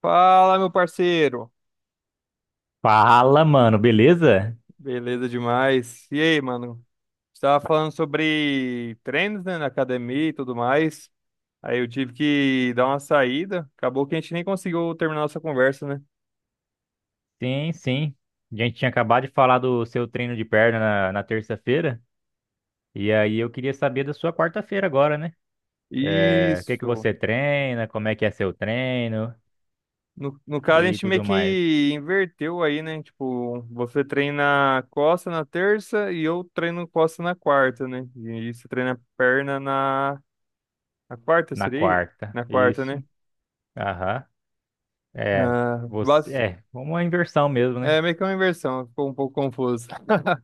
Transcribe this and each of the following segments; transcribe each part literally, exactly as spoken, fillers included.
Fala, meu parceiro. Fala, mano, beleza? Beleza demais. E aí, mano? Estava falando sobre treinos, né, na academia e tudo mais. Aí eu tive que dar uma saída. Acabou que a gente nem conseguiu terminar nossa conversa, né? Sim, sim. A gente tinha acabado de falar do seu treino de perna na, na terça-feira, e aí eu queria saber da sua quarta-feira agora, né? É, o que que Isso. você treina, como é que é seu treino No, no caso, a e gente meio tudo mais que inverteu aí, né? Tipo, você treina costa na terça e eu treino costa na quarta, né? E você treina perna na, na quarta, na seria? quarta. Na quarta, Isso, né? aham. É, Ah, você, é, uma inversão mesmo, né? é meio que uma inversão, ficou um pouco confuso.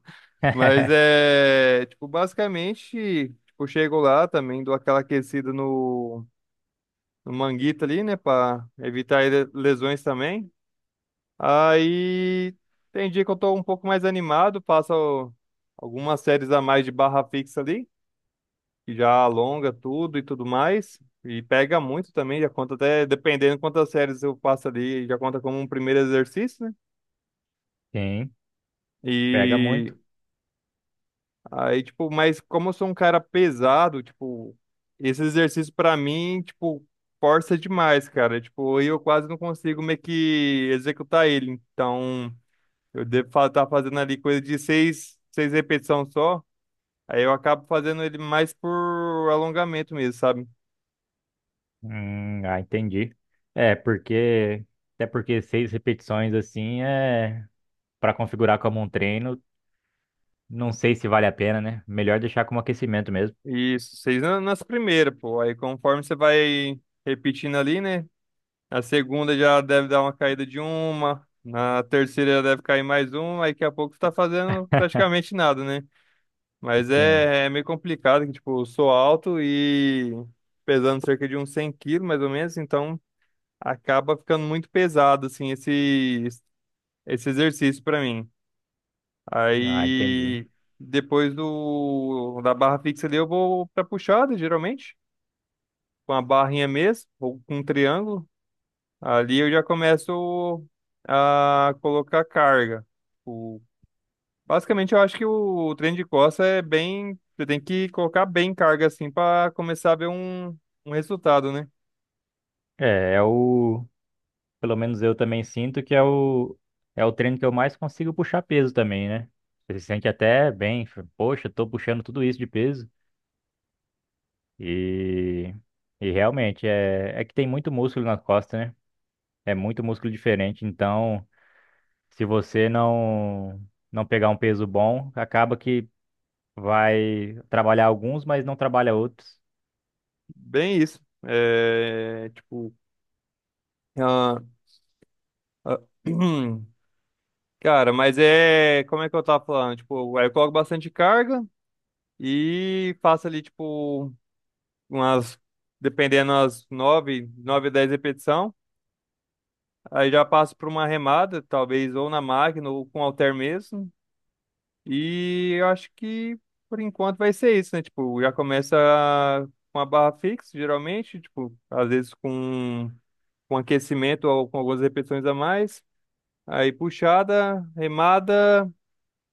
Mas é, tipo, basicamente, tipo, chego lá também, dou aquela aquecida no, no manguito ali, né, pra evitar ele- lesões também. Aí tem dia que eu tô um pouco mais animado, passo al- algumas séries a mais de barra fixa ali, que já alonga tudo e tudo mais. E pega muito também, já conta até, dependendo quantas séries eu passo ali, já conta como um primeiro exercício, né? Sim, pega E muito. aí, tipo, mas como eu sou um cara pesado, tipo, esse exercício pra mim, tipo, força demais, cara. Tipo, aí eu quase não consigo meio que executar ele. Então, eu devo estar fazendo ali coisa de seis, seis repetições só. Aí eu acabo fazendo ele mais por alongamento mesmo, sabe? Hum, ah, entendi. É, porque, até porque seis repetições assim é para configurar como um treino. Não sei se vale a pena, né? Melhor deixar como aquecimento mesmo. Isso, seis na- nas primeiras, pô. Aí conforme você vai repetindo ali, né? A segunda já deve dar uma caída de uma. Na terceira já deve cair mais uma. Aí daqui a pouco você tá fazendo praticamente nada, né? Mas Assim, é, é meio complicado, que tipo, eu sou alto e pesando cerca de uns cem quilos, mais ou menos. Então acaba ficando muito pesado, assim, esse, esse exercício pra mim. ah, entendi. Aí depois do, da barra fixa ali eu vou pra puxada, geralmente. Com a barrinha mesmo, ou com um triângulo. Ali eu já começo a colocar carga. O- Basicamente, eu acho que o treino de costas é bem. Você tem que colocar bem carga assim para começar a ver um, um resultado, né? É, é, o. Pelo menos eu também sinto que é o. É o treino que eu mais consigo puxar peso também, né? Você se sente até bem, fa- poxa, tô puxando tudo isso de peso. E. E realmente, é, é que tem muito músculo na costa, né? É muito músculo diferente. Então, se você não. Não pegar um peso bom, acaba que vai trabalhar alguns, mas não trabalha outros. Bem isso. É, tipo. ah, ah, cara, mas é. Como é que eu tava falando? Tipo, aí eu coloco bastante carga e faço ali, tipo, umas. Dependendo, umas nove, nove dez repetições. Aí já passo por uma remada, talvez ou na máquina ou com halter mesmo. E eu acho que por enquanto vai ser isso, né? Tipo, já começa com a barra fixa, geralmente, tipo, às vezes com, com aquecimento ou com algumas repetições a mais. Aí puxada, remada.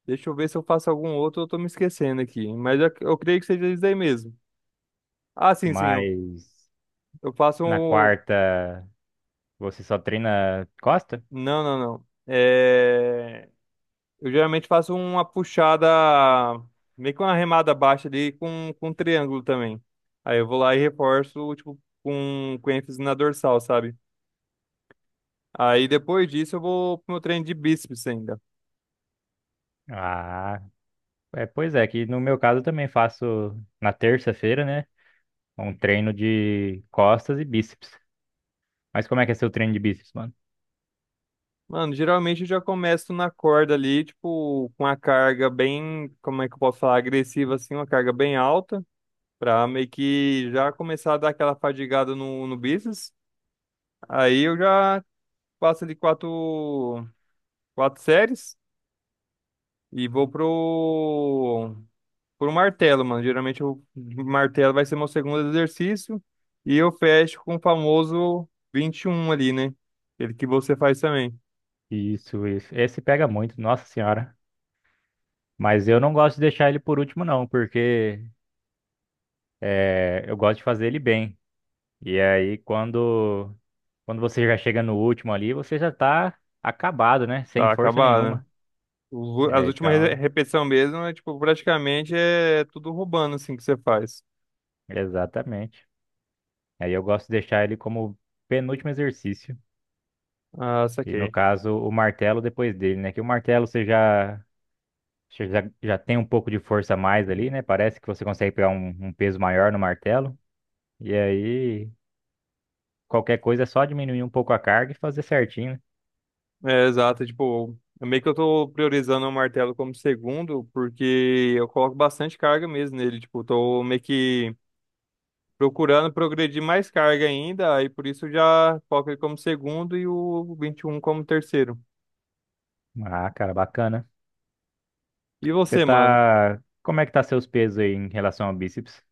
Deixa eu ver se eu faço algum outro, eu tô me esquecendo aqui. Mas eu, eu creio que seja isso aí mesmo. Ah, sim, sim, eu, Mas. eu faço Na um. quarta, você só treina costa? Não, não, não. É. Eu geralmente faço uma puxada, meio que uma remada baixa ali com, com um triângulo também. Aí eu vou lá e reforço, tipo, com, com ênfase na dorsal, sabe? Aí depois disso eu vou pro meu treino de bíceps ainda. Ah, é, pois é, que no meu caso eu também faço na terça-feira, né? Um treino de costas e bíceps. Mas como é que é seu treino de bíceps, mano? Mano, geralmente eu já começo na corda ali, tipo, com uma carga bem, como é que eu posso falar, agressiva assim, uma carga bem alta, pra meio que já começar a dar aquela fadigada no, no bíceps. Aí eu já passo ali quatro, quatro séries. E vou pro, pro martelo, mano. Geralmente o martelo vai ser meu segundo exercício. E eu fecho com o famoso vinte e um ali, né? Aquele que você faz também. Isso, isso. Esse pega muito, nossa senhora. Mas eu não gosto de deixar ele por último, não, porque é, eu gosto de fazer ele bem. E aí, quando, quando você já chega no último ali, você já tá acabado, né? Sem Tá força acabado, né? nenhuma. Os u- As É, últimas re- então, repetição mesmo é, tipo, praticamente é tudo roubando, assim, que você faz. exatamente. Aí eu gosto de deixar ele como penúltimo exercício. Ah, E no saquei. caso, o martelo depois dele, né? Que o martelo você já, você já, já tem um pouco de força a mais ali, né? Parece que você consegue pegar um, um peso maior no martelo. E aí, qualquer coisa é só diminuir um pouco a carga e fazer certinho, É, exato. é, Tipo, é meio que eu tô priorizando o martelo como segundo, porque eu coloco bastante carga mesmo nele. Tipo, eu tô meio que procurando progredir mais carga ainda, aí por isso já coloco ele como segundo e o vinte e um como terceiro. né? Ah, cara, bacana. E Você você, mano? tá. Como é que tá seus pesos aí em relação ao bíceps?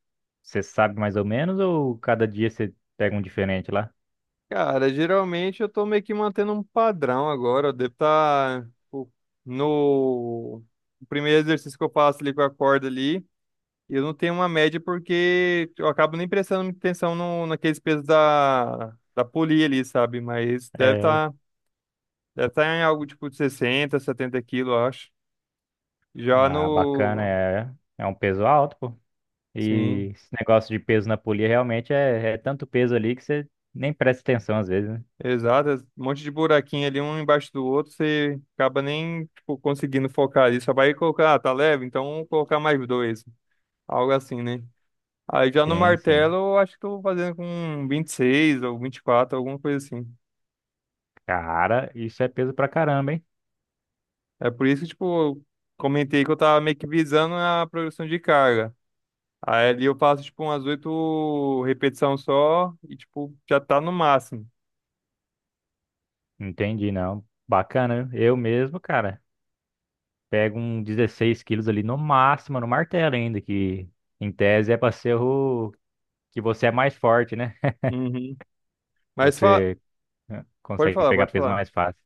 Você sabe mais ou menos ou cada dia você pega um diferente lá? Cara, geralmente eu tô meio que mantendo um padrão agora. Eu devo estar no o primeiro exercício que eu faço ali com a corda ali. Eu não tenho uma média porque eu acabo nem prestando muita atenção no, naqueles pesos da, da polia ali, sabe? Mas deve É. estar deve tá em algo tipo de sessenta setenta quilos, eu acho. Já Ah, bacana, no. é. É um peso alto, pô. Sim. E esse negócio de peso na polia realmente é, é, tanto peso ali que você nem presta atenção às vezes, né? Exato, é um monte de buraquinho ali, um embaixo do outro, você acaba nem, tipo, conseguindo focar ali. Só vai colocar, ah, tá leve, então vamos colocar mais dois. Algo assim, né? Aí já no Sim, martelo, sim. eu acho que eu vou fazendo com vinte e seis ou vinte e quatro, alguma coisa assim. Cara, isso é peso pra caramba, hein? É por isso que, tipo, eu comentei que eu tava meio que visando a progressão de carga. Aí ali eu faço, tipo, umas oito repetições só e, tipo, já tá no máximo. Entendi, não. Bacana, viu? Eu mesmo, cara, pego um dezesseis quilos ali no máximo, no martelo ainda, que em tese é pra ser o que você é mais forte, né? Uhum. Mas fa... Você eh, pode consegue falar, pegar pode peso falar. mais fácil.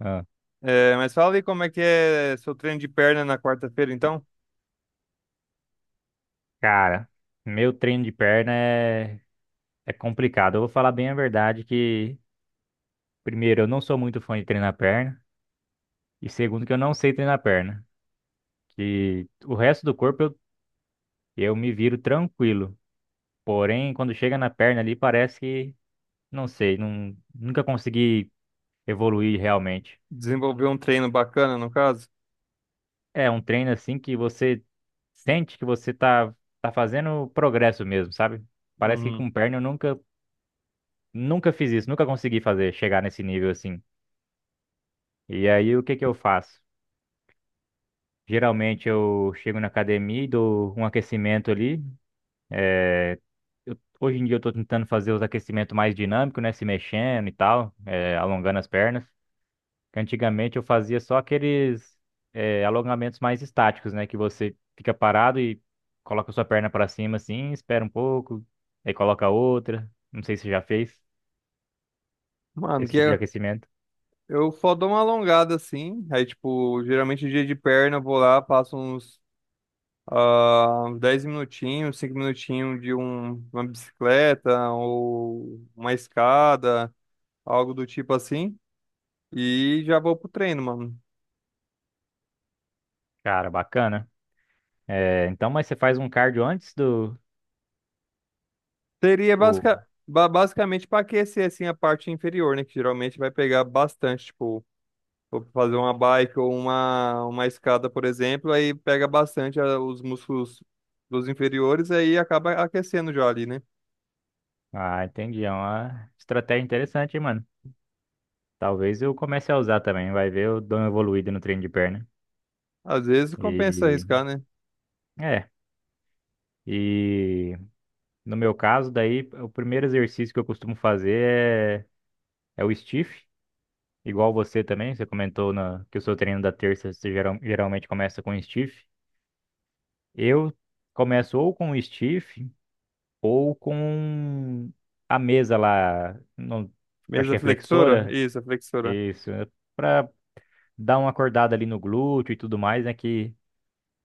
Ah, É, mas fala aí como é que é seu treino de perna na quarta-feira, então? cara, meu treino de perna é, é complicado. Eu vou falar bem a verdade que, primeiro, eu não sou muito fã de treinar perna. E segundo, que eu não sei treinar perna. Que o resto do corpo eu, eu me viro tranquilo. Porém, quando chega na perna ali, parece que, não sei, não, nunca consegui evoluir realmente. Desenvolveu um treino bacana, no caso? É um treino assim que você sente que você tá, tá fazendo progresso mesmo, sabe? Parece que Uhum. com perna eu nunca, nunca fiz isso, nunca consegui fazer, chegar nesse nível assim. E aí, o que que eu faço? Geralmente eu chego na academia e dou um aquecimento ali. Eu- hoje em dia eu tô tentando fazer os aquecimentos mais dinâmicos, né? Se mexendo e tal, é, alongando as pernas. Que antigamente eu fazia só aqueles é, alongamentos mais estáticos, né? Que você fica parado e coloca sua perna pra cima assim, espera um pouco, aí coloca outra. Não sei se você já fez Mano, esse que tipo de eu, aquecimento. eu só dou uma alongada assim. Aí, tipo, geralmente dia de perna eu vou lá, passo uns ah, uns dez minutinhos, cinco minutinhos de um, uma bicicleta ou uma escada, algo do tipo assim. E já vou pro treino, mano. Cara, bacana. É, então, mas você faz um cardio antes do. Seria Tipo, basica, ba- basicamente pra aquecer assim a parte inferior, né? Que geralmente vai pegar bastante, tipo. For fazer uma bike ou uma, uma escada, por exemplo, aí pega bastante ah, os músculos dos inferiores e aí acaba aquecendo já ali, né? ah, entendi. É uma estratégia interessante, hein, mano. Talvez eu comece a usar também. Vai ver, eu dou uma evoluída no treino de perna. Às vezes compensa E arriscar, né? É. E no meu caso, daí, o primeiro exercício que eu costumo fazer é, é, o stiff, igual você também. Você comentou na, que o seu treino da terça você geral- geralmente começa com stiff. Eu começo ou com o stiff ou com a mesa lá, não, acho Mesa que é flexora? flexora, Isso, a flexora. isso, para dar uma acordada ali no glúteo e tudo mais, né? Que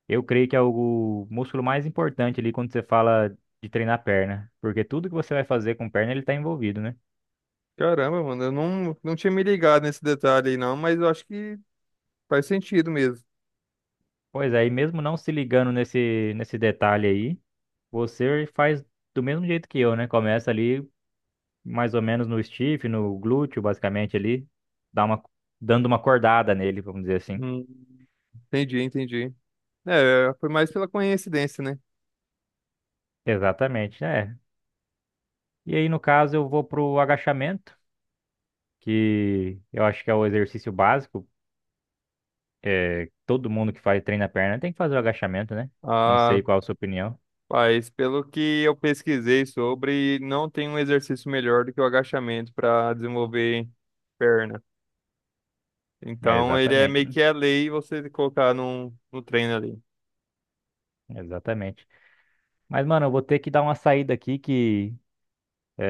eu creio que é o músculo mais importante ali quando você fala de treinar perna, porque tudo que você vai fazer com perna ele está envolvido, né? Caramba, mano, eu não, não tinha me ligado nesse detalhe aí, não, mas eu acho que faz sentido mesmo. Pois é, e mesmo não se ligando nesse, nesse detalhe aí, você faz do mesmo jeito que eu, né? Começa ali mais ou menos no stiff, no glúteo, basicamente ali, dá uma, dando uma cordada nele, vamos dizer assim. Hum, Entendi, entendi. É, foi mais pela coincidência, né? Exatamente, é. E aí, no caso, eu vou pro agachamento, que eu acho que é o exercício básico é, todo mundo que faz treino na perna tem que fazer o agachamento, né? Não Ah, sei qual a sua opinião. mas pelo que eu pesquisei sobre, não tem um exercício melhor do que o agachamento para desenvolver perna. É, Então ele é exatamente, meio mano. que a lei você colocar num, no treino ali. Exatamente. Mas, mano, eu vou ter que dar uma saída aqui que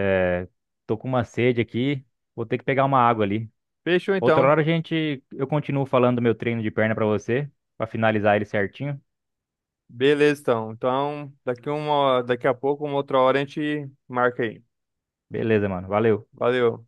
é, tô com uma sede aqui. Vou ter que pegar uma água ali. Fechou Outra então. hora a gente, eu continuo falando do meu treino de perna pra você, pra finalizar ele certinho. Beleza então. Então, daqui uma, daqui a pouco, uma outra hora a gente marca aí. Beleza, mano. Valeu. Valeu.